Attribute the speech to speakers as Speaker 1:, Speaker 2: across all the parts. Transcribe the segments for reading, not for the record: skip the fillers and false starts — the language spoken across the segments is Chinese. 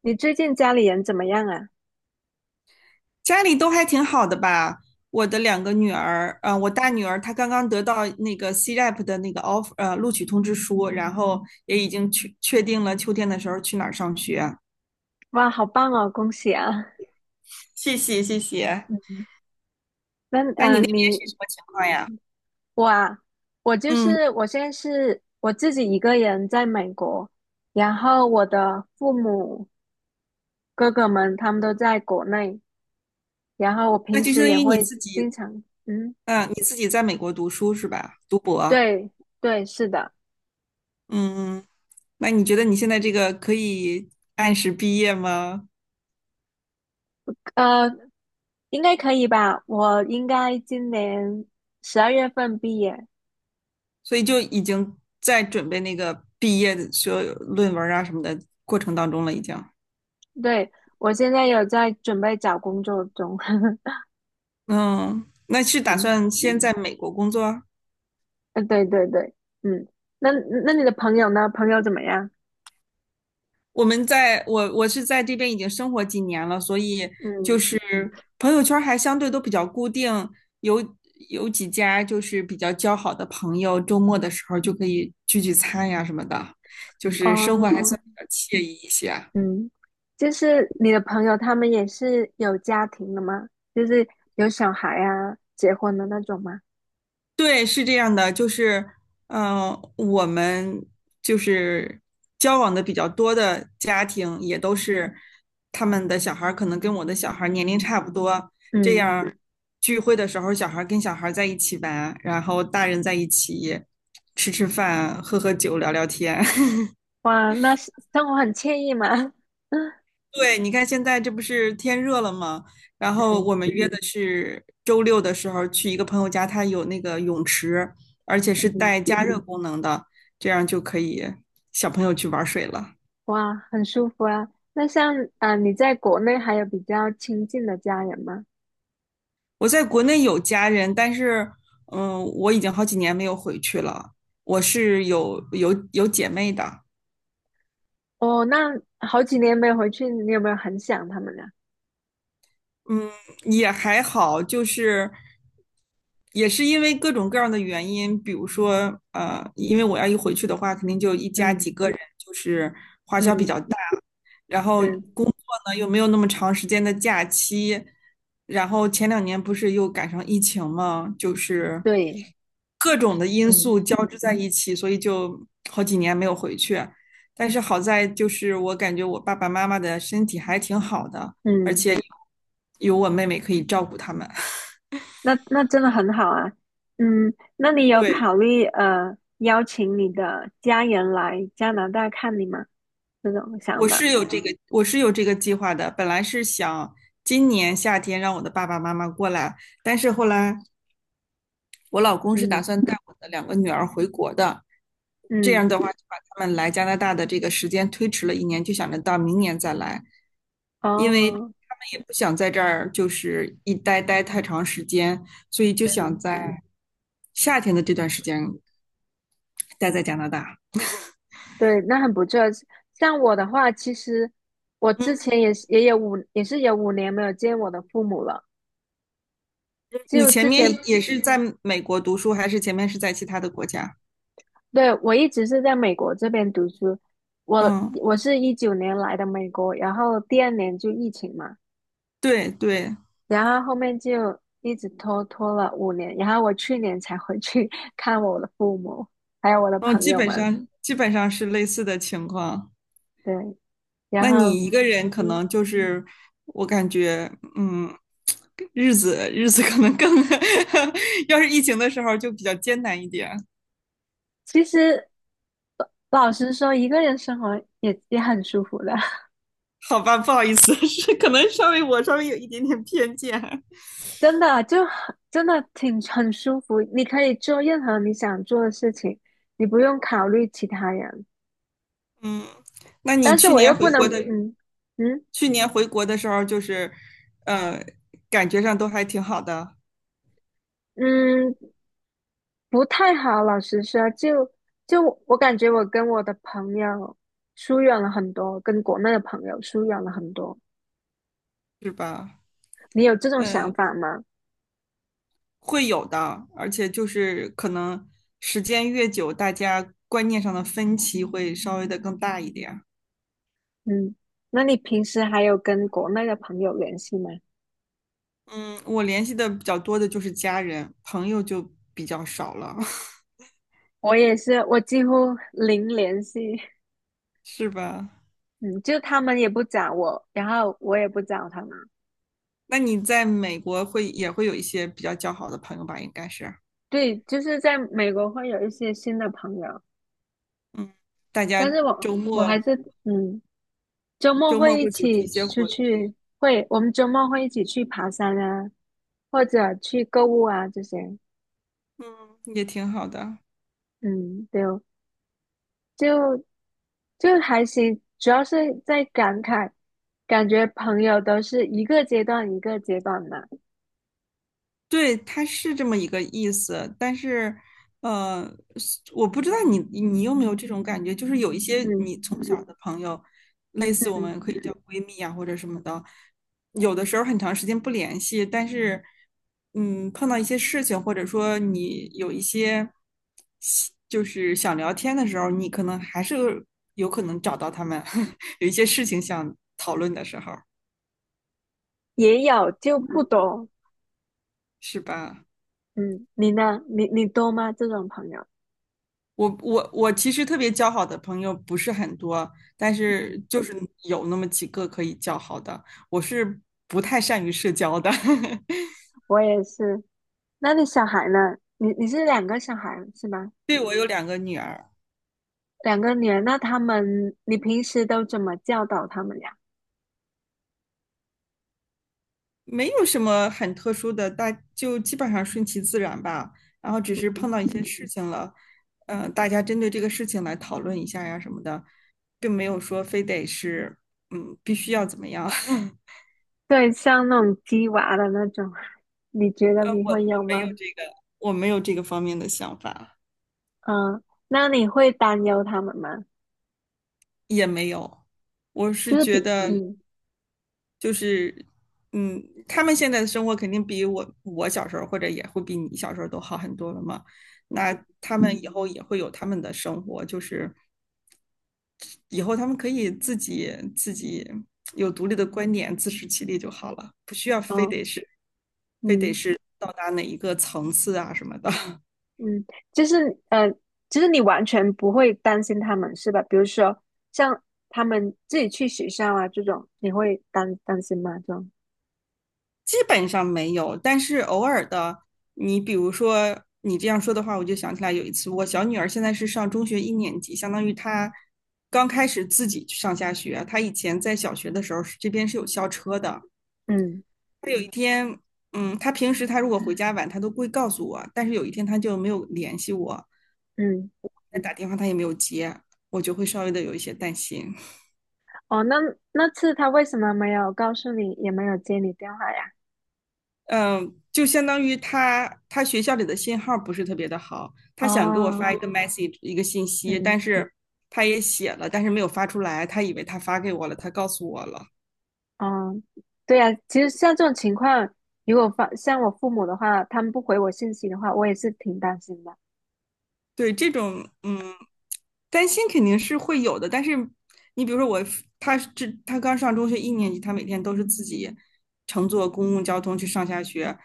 Speaker 1: 你最近家里人怎么样啊？
Speaker 2: 家里都还挺好的吧？我的两个女儿，我大女儿她刚刚得到那个 CREP 的那个 offer，录取通知书，然后也已经确定了秋天的时候去哪儿上学。
Speaker 1: 哇，好棒哦，恭喜啊！
Speaker 2: 谢谢。
Speaker 1: 嗯那
Speaker 2: 那你那边是
Speaker 1: 你
Speaker 2: 什么情况呀？
Speaker 1: 我啊，我就
Speaker 2: 嗯，
Speaker 1: 是我现在是我自己一个人在美国，然后我的父母哥哥们他们都在国内，然后我
Speaker 2: 那
Speaker 1: 平
Speaker 2: 就相
Speaker 1: 时
Speaker 2: 当
Speaker 1: 也
Speaker 2: 于你
Speaker 1: 会
Speaker 2: 自己，
Speaker 1: 经常，嗯，
Speaker 2: 嗯、你自己在美国读书是吧？读博。
Speaker 1: 对对，是的，
Speaker 2: 嗯，那你觉得你现在这个可以按时毕业吗？
Speaker 1: 呃，应该可以吧？我应该今年12月份毕业，
Speaker 2: 所以就已经在准备那个毕业的所有论文啊什么的过程当中了，已经。
Speaker 1: 对，我现在有在准备找工作中，
Speaker 2: 嗯，那是打
Speaker 1: 嗯。
Speaker 2: 算先在美国工作啊？
Speaker 1: 对对对，嗯，那那你的朋友呢？朋友怎么样？
Speaker 2: 我是在这边已经生活几年了，所以就
Speaker 1: 嗯，
Speaker 2: 是朋友圈儿还相对都比较固定，有有几家就是比较交好的朋友，周末的时候就可以聚聚餐呀什么的，就是生
Speaker 1: 哦，
Speaker 2: 活还算比较惬意一些。
Speaker 1: 嗯，就是你的朋友他们也是有家庭的吗？就是有小孩啊，结婚的那种吗？
Speaker 2: 对，是这样的，就是，嗯、我们就是交往的比较多的家庭，也都是他们的小孩儿可能跟我的小孩儿年龄差不多，这样
Speaker 1: 嗯，
Speaker 2: 儿聚会的时候，小孩儿跟小孩儿在一起玩，然后大人在一起吃吃饭、喝喝酒、聊聊天。
Speaker 1: 哇，那是生活很惬意嘛。
Speaker 2: 对，你看现在这不是天热了吗？然后
Speaker 1: 嗯
Speaker 2: 我们约的是周六的时候去一个朋友家，他有那个泳池，而且是
Speaker 1: 嗯，
Speaker 2: 带加热功能的，这样就可以小朋友去玩水了。
Speaker 1: 哇，很舒服啊。那像啊、你在国内还有比较亲近的家人吗？
Speaker 2: 我在国内有家人，但是嗯，我已经好几年没有回去了。我是有姐妹的，
Speaker 1: 哦，那好几年没回去，你有没有很想他们呢？
Speaker 2: 嗯，也还好，就是也是因为各种各样的原因，比如说，因为我要一回去的话，肯定就一家
Speaker 1: 嗯
Speaker 2: 几个人，就是花销比
Speaker 1: 嗯，
Speaker 2: 较大，然后
Speaker 1: 对
Speaker 2: 工作呢又没有那么长时间的假期，然后前两年不是又赶上疫情嘛，就是
Speaker 1: 对，
Speaker 2: 各种的因
Speaker 1: 嗯。
Speaker 2: 素交织在一起，所以就好几年没有回去。但是好在就是我感觉我爸爸妈妈的身体还挺好的。而
Speaker 1: 嗯，
Speaker 2: 且有我妹妹可以照顾他们。
Speaker 1: 那真的很好啊。嗯，那你 有
Speaker 2: 对，
Speaker 1: 考虑邀请你的家人来加拿大看你吗？这种想法？
Speaker 2: 我是有这个计划的。本来是想今年夏天让我的爸爸妈妈过来，但是后来我老公是打
Speaker 1: 嗯
Speaker 2: 算带我的两个女儿回国的，这样
Speaker 1: 嗯，
Speaker 2: 的话就把他们来加拿大的这个时间推迟了一年，就想着到明年再来，因为他
Speaker 1: 哦，
Speaker 2: 们也不想在这儿就是待太长时间，所以就想在夏天的这段时间待在加拿大。
Speaker 1: 对，那很不错。像我的话，其实我之
Speaker 2: 嗯。
Speaker 1: 前也是有5年没有见我的父母了。
Speaker 2: 你
Speaker 1: 就
Speaker 2: 前
Speaker 1: 之前，
Speaker 2: 面也是在美国读书，还是前面是在其他的国家？
Speaker 1: 对，我一直是在美国这边读书，我
Speaker 2: 嗯，
Speaker 1: 我是19年来的美国，然后第二年就疫情嘛，
Speaker 2: 对对，
Speaker 1: 然后后面就一直拖了五年，然后我去年才回去 看我的父母，还有我的
Speaker 2: 嗯，
Speaker 1: 朋
Speaker 2: 基
Speaker 1: 友
Speaker 2: 本
Speaker 1: 们。
Speaker 2: 上基本上是类似的情况。
Speaker 1: 对，然
Speaker 2: 那
Speaker 1: 后
Speaker 2: 你一个人可
Speaker 1: 嗯，
Speaker 2: 能就是，我感觉，嗯，日子可能更，要是疫情的时候就比较艰难一点。
Speaker 1: 其实老实说，一个人生活也很舒服的，
Speaker 2: 好吧，不好意思，是可能我稍微有一点点偏见。
Speaker 1: 真的就很真的挺很舒服。你可以做任何你想做的事情，你不用考虑其他人。
Speaker 2: 嗯，那你
Speaker 1: 但是
Speaker 2: 去
Speaker 1: 我
Speaker 2: 年
Speaker 1: 又
Speaker 2: 回
Speaker 1: 不能，
Speaker 2: 国的，
Speaker 1: 嗯嗯
Speaker 2: 去年回国的时候就是，呃，感觉上都还挺好的。
Speaker 1: 嗯，不太好，老实说，就我感觉我跟我的朋友疏远了很多，跟国内的朋友疏远了很多。
Speaker 2: 是吧？
Speaker 1: 你有这种想
Speaker 2: 嗯，
Speaker 1: 法吗？
Speaker 2: 会有的，而且就是可能时间越久，大家观念上的分歧会稍微的更大一点。
Speaker 1: 嗯，那你平时还有跟国内的朋友联系吗？
Speaker 2: 嗯，我联系的比较多的就是家人，朋友就比较少了，
Speaker 1: 我也是，我几乎零联系。
Speaker 2: 是吧？
Speaker 1: 嗯，就他们也不找我，然后我也不找他们。
Speaker 2: 那你在美国会也会有一些比较交好的朋友吧？应该是，
Speaker 1: 对，就是在美国会有一些新的朋友，
Speaker 2: 嗯，大
Speaker 1: 但
Speaker 2: 家
Speaker 1: 是我
Speaker 2: 周
Speaker 1: 我还
Speaker 2: 末
Speaker 1: 是嗯。周末
Speaker 2: 周末
Speaker 1: 会一
Speaker 2: 会组织一
Speaker 1: 起
Speaker 2: 些
Speaker 1: 出
Speaker 2: 活，
Speaker 1: 去，会，我们周末会一起去爬山啊，或者去购物啊这些。
Speaker 2: 嗯，也挺好的。
Speaker 1: 嗯，对哦就就还行，主要是在感慨，感觉朋友都是一个阶段一个阶段的。
Speaker 2: 对，它是这么一个意思，但是，呃，是我不知道你有没有这种感觉，就是有一些
Speaker 1: 嗯，
Speaker 2: 你从小的朋友，类似我们可以叫闺蜜啊或者什么的，有的时候很长时间不联系，但是，嗯，碰到一些事情，或者说你有一些就是想聊天的时候，你可能还是有可能找到他们，有一些事情想讨论的时候，
Speaker 1: 也有就不多。
Speaker 2: 是吧？
Speaker 1: 嗯，你呢？你多吗？这种朋友？
Speaker 2: 我其实特别交好的朋友不是很多，但是
Speaker 1: 嗯，
Speaker 2: 就是有那么几个可以交好的。我是不太善于社交的，
Speaker 1: 我也是。那你小孩呢？你是两个小孩是吧？
Speaker 2: 对，我有两个女儿，
Speaker 1: 两个女儿，那他们，你平时都怎么教导他们呀？
Speaker 2: 没有什么很特殊的，基本上顺其自然吧。然后只是碰到一些事情了，大家针对这个事情来讨论一下呀什么的，并没有说非得是嗯必须要怎么样。
Speaker 1: 对，像那种鸡娃的那种，你觉得你
Speaker 2: 我
Speaker 1: 会
Speaker 2: 我
Speaker 1: 有
Speaker 2: 没
Speaker 1: 吗？
Speaker 2: 有这个，我没有这个方面的想法。
Speaker 1: 嗯，那你会担忧他们吗？
Speaker 2: 也没有，我
Speaker 1: 就
Speaker 2: 是
Speaker 1: 是
Speaker 2: 觉
Speaker 1: 比，
Speaker 2: 得嗯
Speaker 1: 嗯，
Speaker 2: 就是，嗯，他们现在的生活肯定比我小时候或者也会比你小时候都好很多了嘛。那他们以嗯后也会有他们的生活，就是以后他们可以自己有独立的观点，自食其力就好了，不需要非
Speaker 1: 哦，
Speaker 2: 得是
Speaker 1: 嗯
Speaker 2: 到达哪一个层次啊什么的。
Speaker 1: 嗯，就是就是你完全不会担心他们是吧？比如说像他们自己去学校啊这种，你会担心吗？这种，
Speaker 2: 基本上没有，但是偶尔的，你比如说你这样说的话，我就想起来有一次，我小女儿现在是上中学一年级，相当于她刚开始自己上下学。她以前在小学的时候这边是有校车的。
Speaker 1: 嗯
Speaker 2: 她有一天，嗯，她平时她如果回家晚，她都会告诉我，但是有一天她就没有联系我，
Speaker 1: 嗯，
Speaker 2: 打电话她也没有接，我就会稍微的有一些担心。
Speaker 1: 哦，那那次他为什么没有告诉你，也没有接你电话呀？
Speaker 2: 嗯，就相当于他学校里的信号不是特别的好，他想给我
Speaker 1: 哦，
Speaker 2: 发一个 message 一个信息，
Speaker 1: 嗯。
Speaker 2: 但是他也写了，但是没有发出来，他以为他发给我了，他告诉我了。
Speaker 1: 嗯，对呀，其实像这种情况，如果发像我父母的话，他们不回我信息的话，我也是挺担心的。
Speaker 2: 对，这种嗯担心肯定是会有的，但是你比如说我，他刚上中学一年级，他每天都是自己乘坐公共交通去上下学，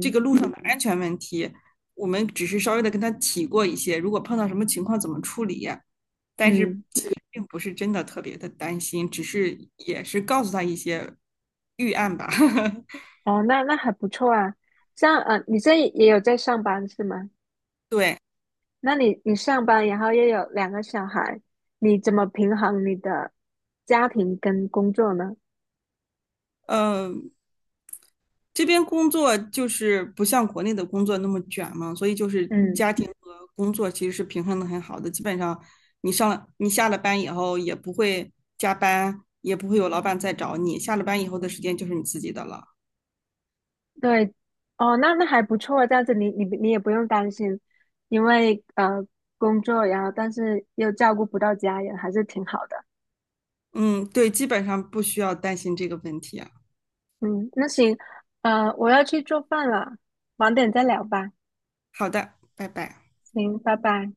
Speaker 2: 这个路上的安全问题，我们只是稍微的跟他提过一些，如果碰到什么情况怎么处理。但是
Speaker 1: 嗯，
Speaker 2: 并不是真的特别的担心，只是也是告诉他一些预案吧。
Speaker 1: 哦，那还不错啊。像你这也有在上班是吗？
Speaker 2: 对，
Speaker 1: 那你你上班，然后又有两个小孩，你怎么平衡你的家庭跟工作呢？
Speaker 2: 嗯，这边工作就是不像国内的工作那么卷嘛，所以就是
Speaker 1: 嗯，
Speaker 2: 家庭和工作其实是平衡的很好的。基本上你上了你下了班以后也不会加班，也不会有老板再找你，下了班以后的时间就是你自己的了。
Speaker 1: 对，哦，那还不错啊，这样子你也不用担心，因为工作，然后但是又照顾不到家人，还是挺好的。
Speaker 2: 嗯，对，基本上不需要担心这个问题啊。
Speaker 1: 嗯，那行，我要去做饭了，晚点再聊吧。
Speaker 2: 好的，拜拜。
Speaker 1: 行，拜拜。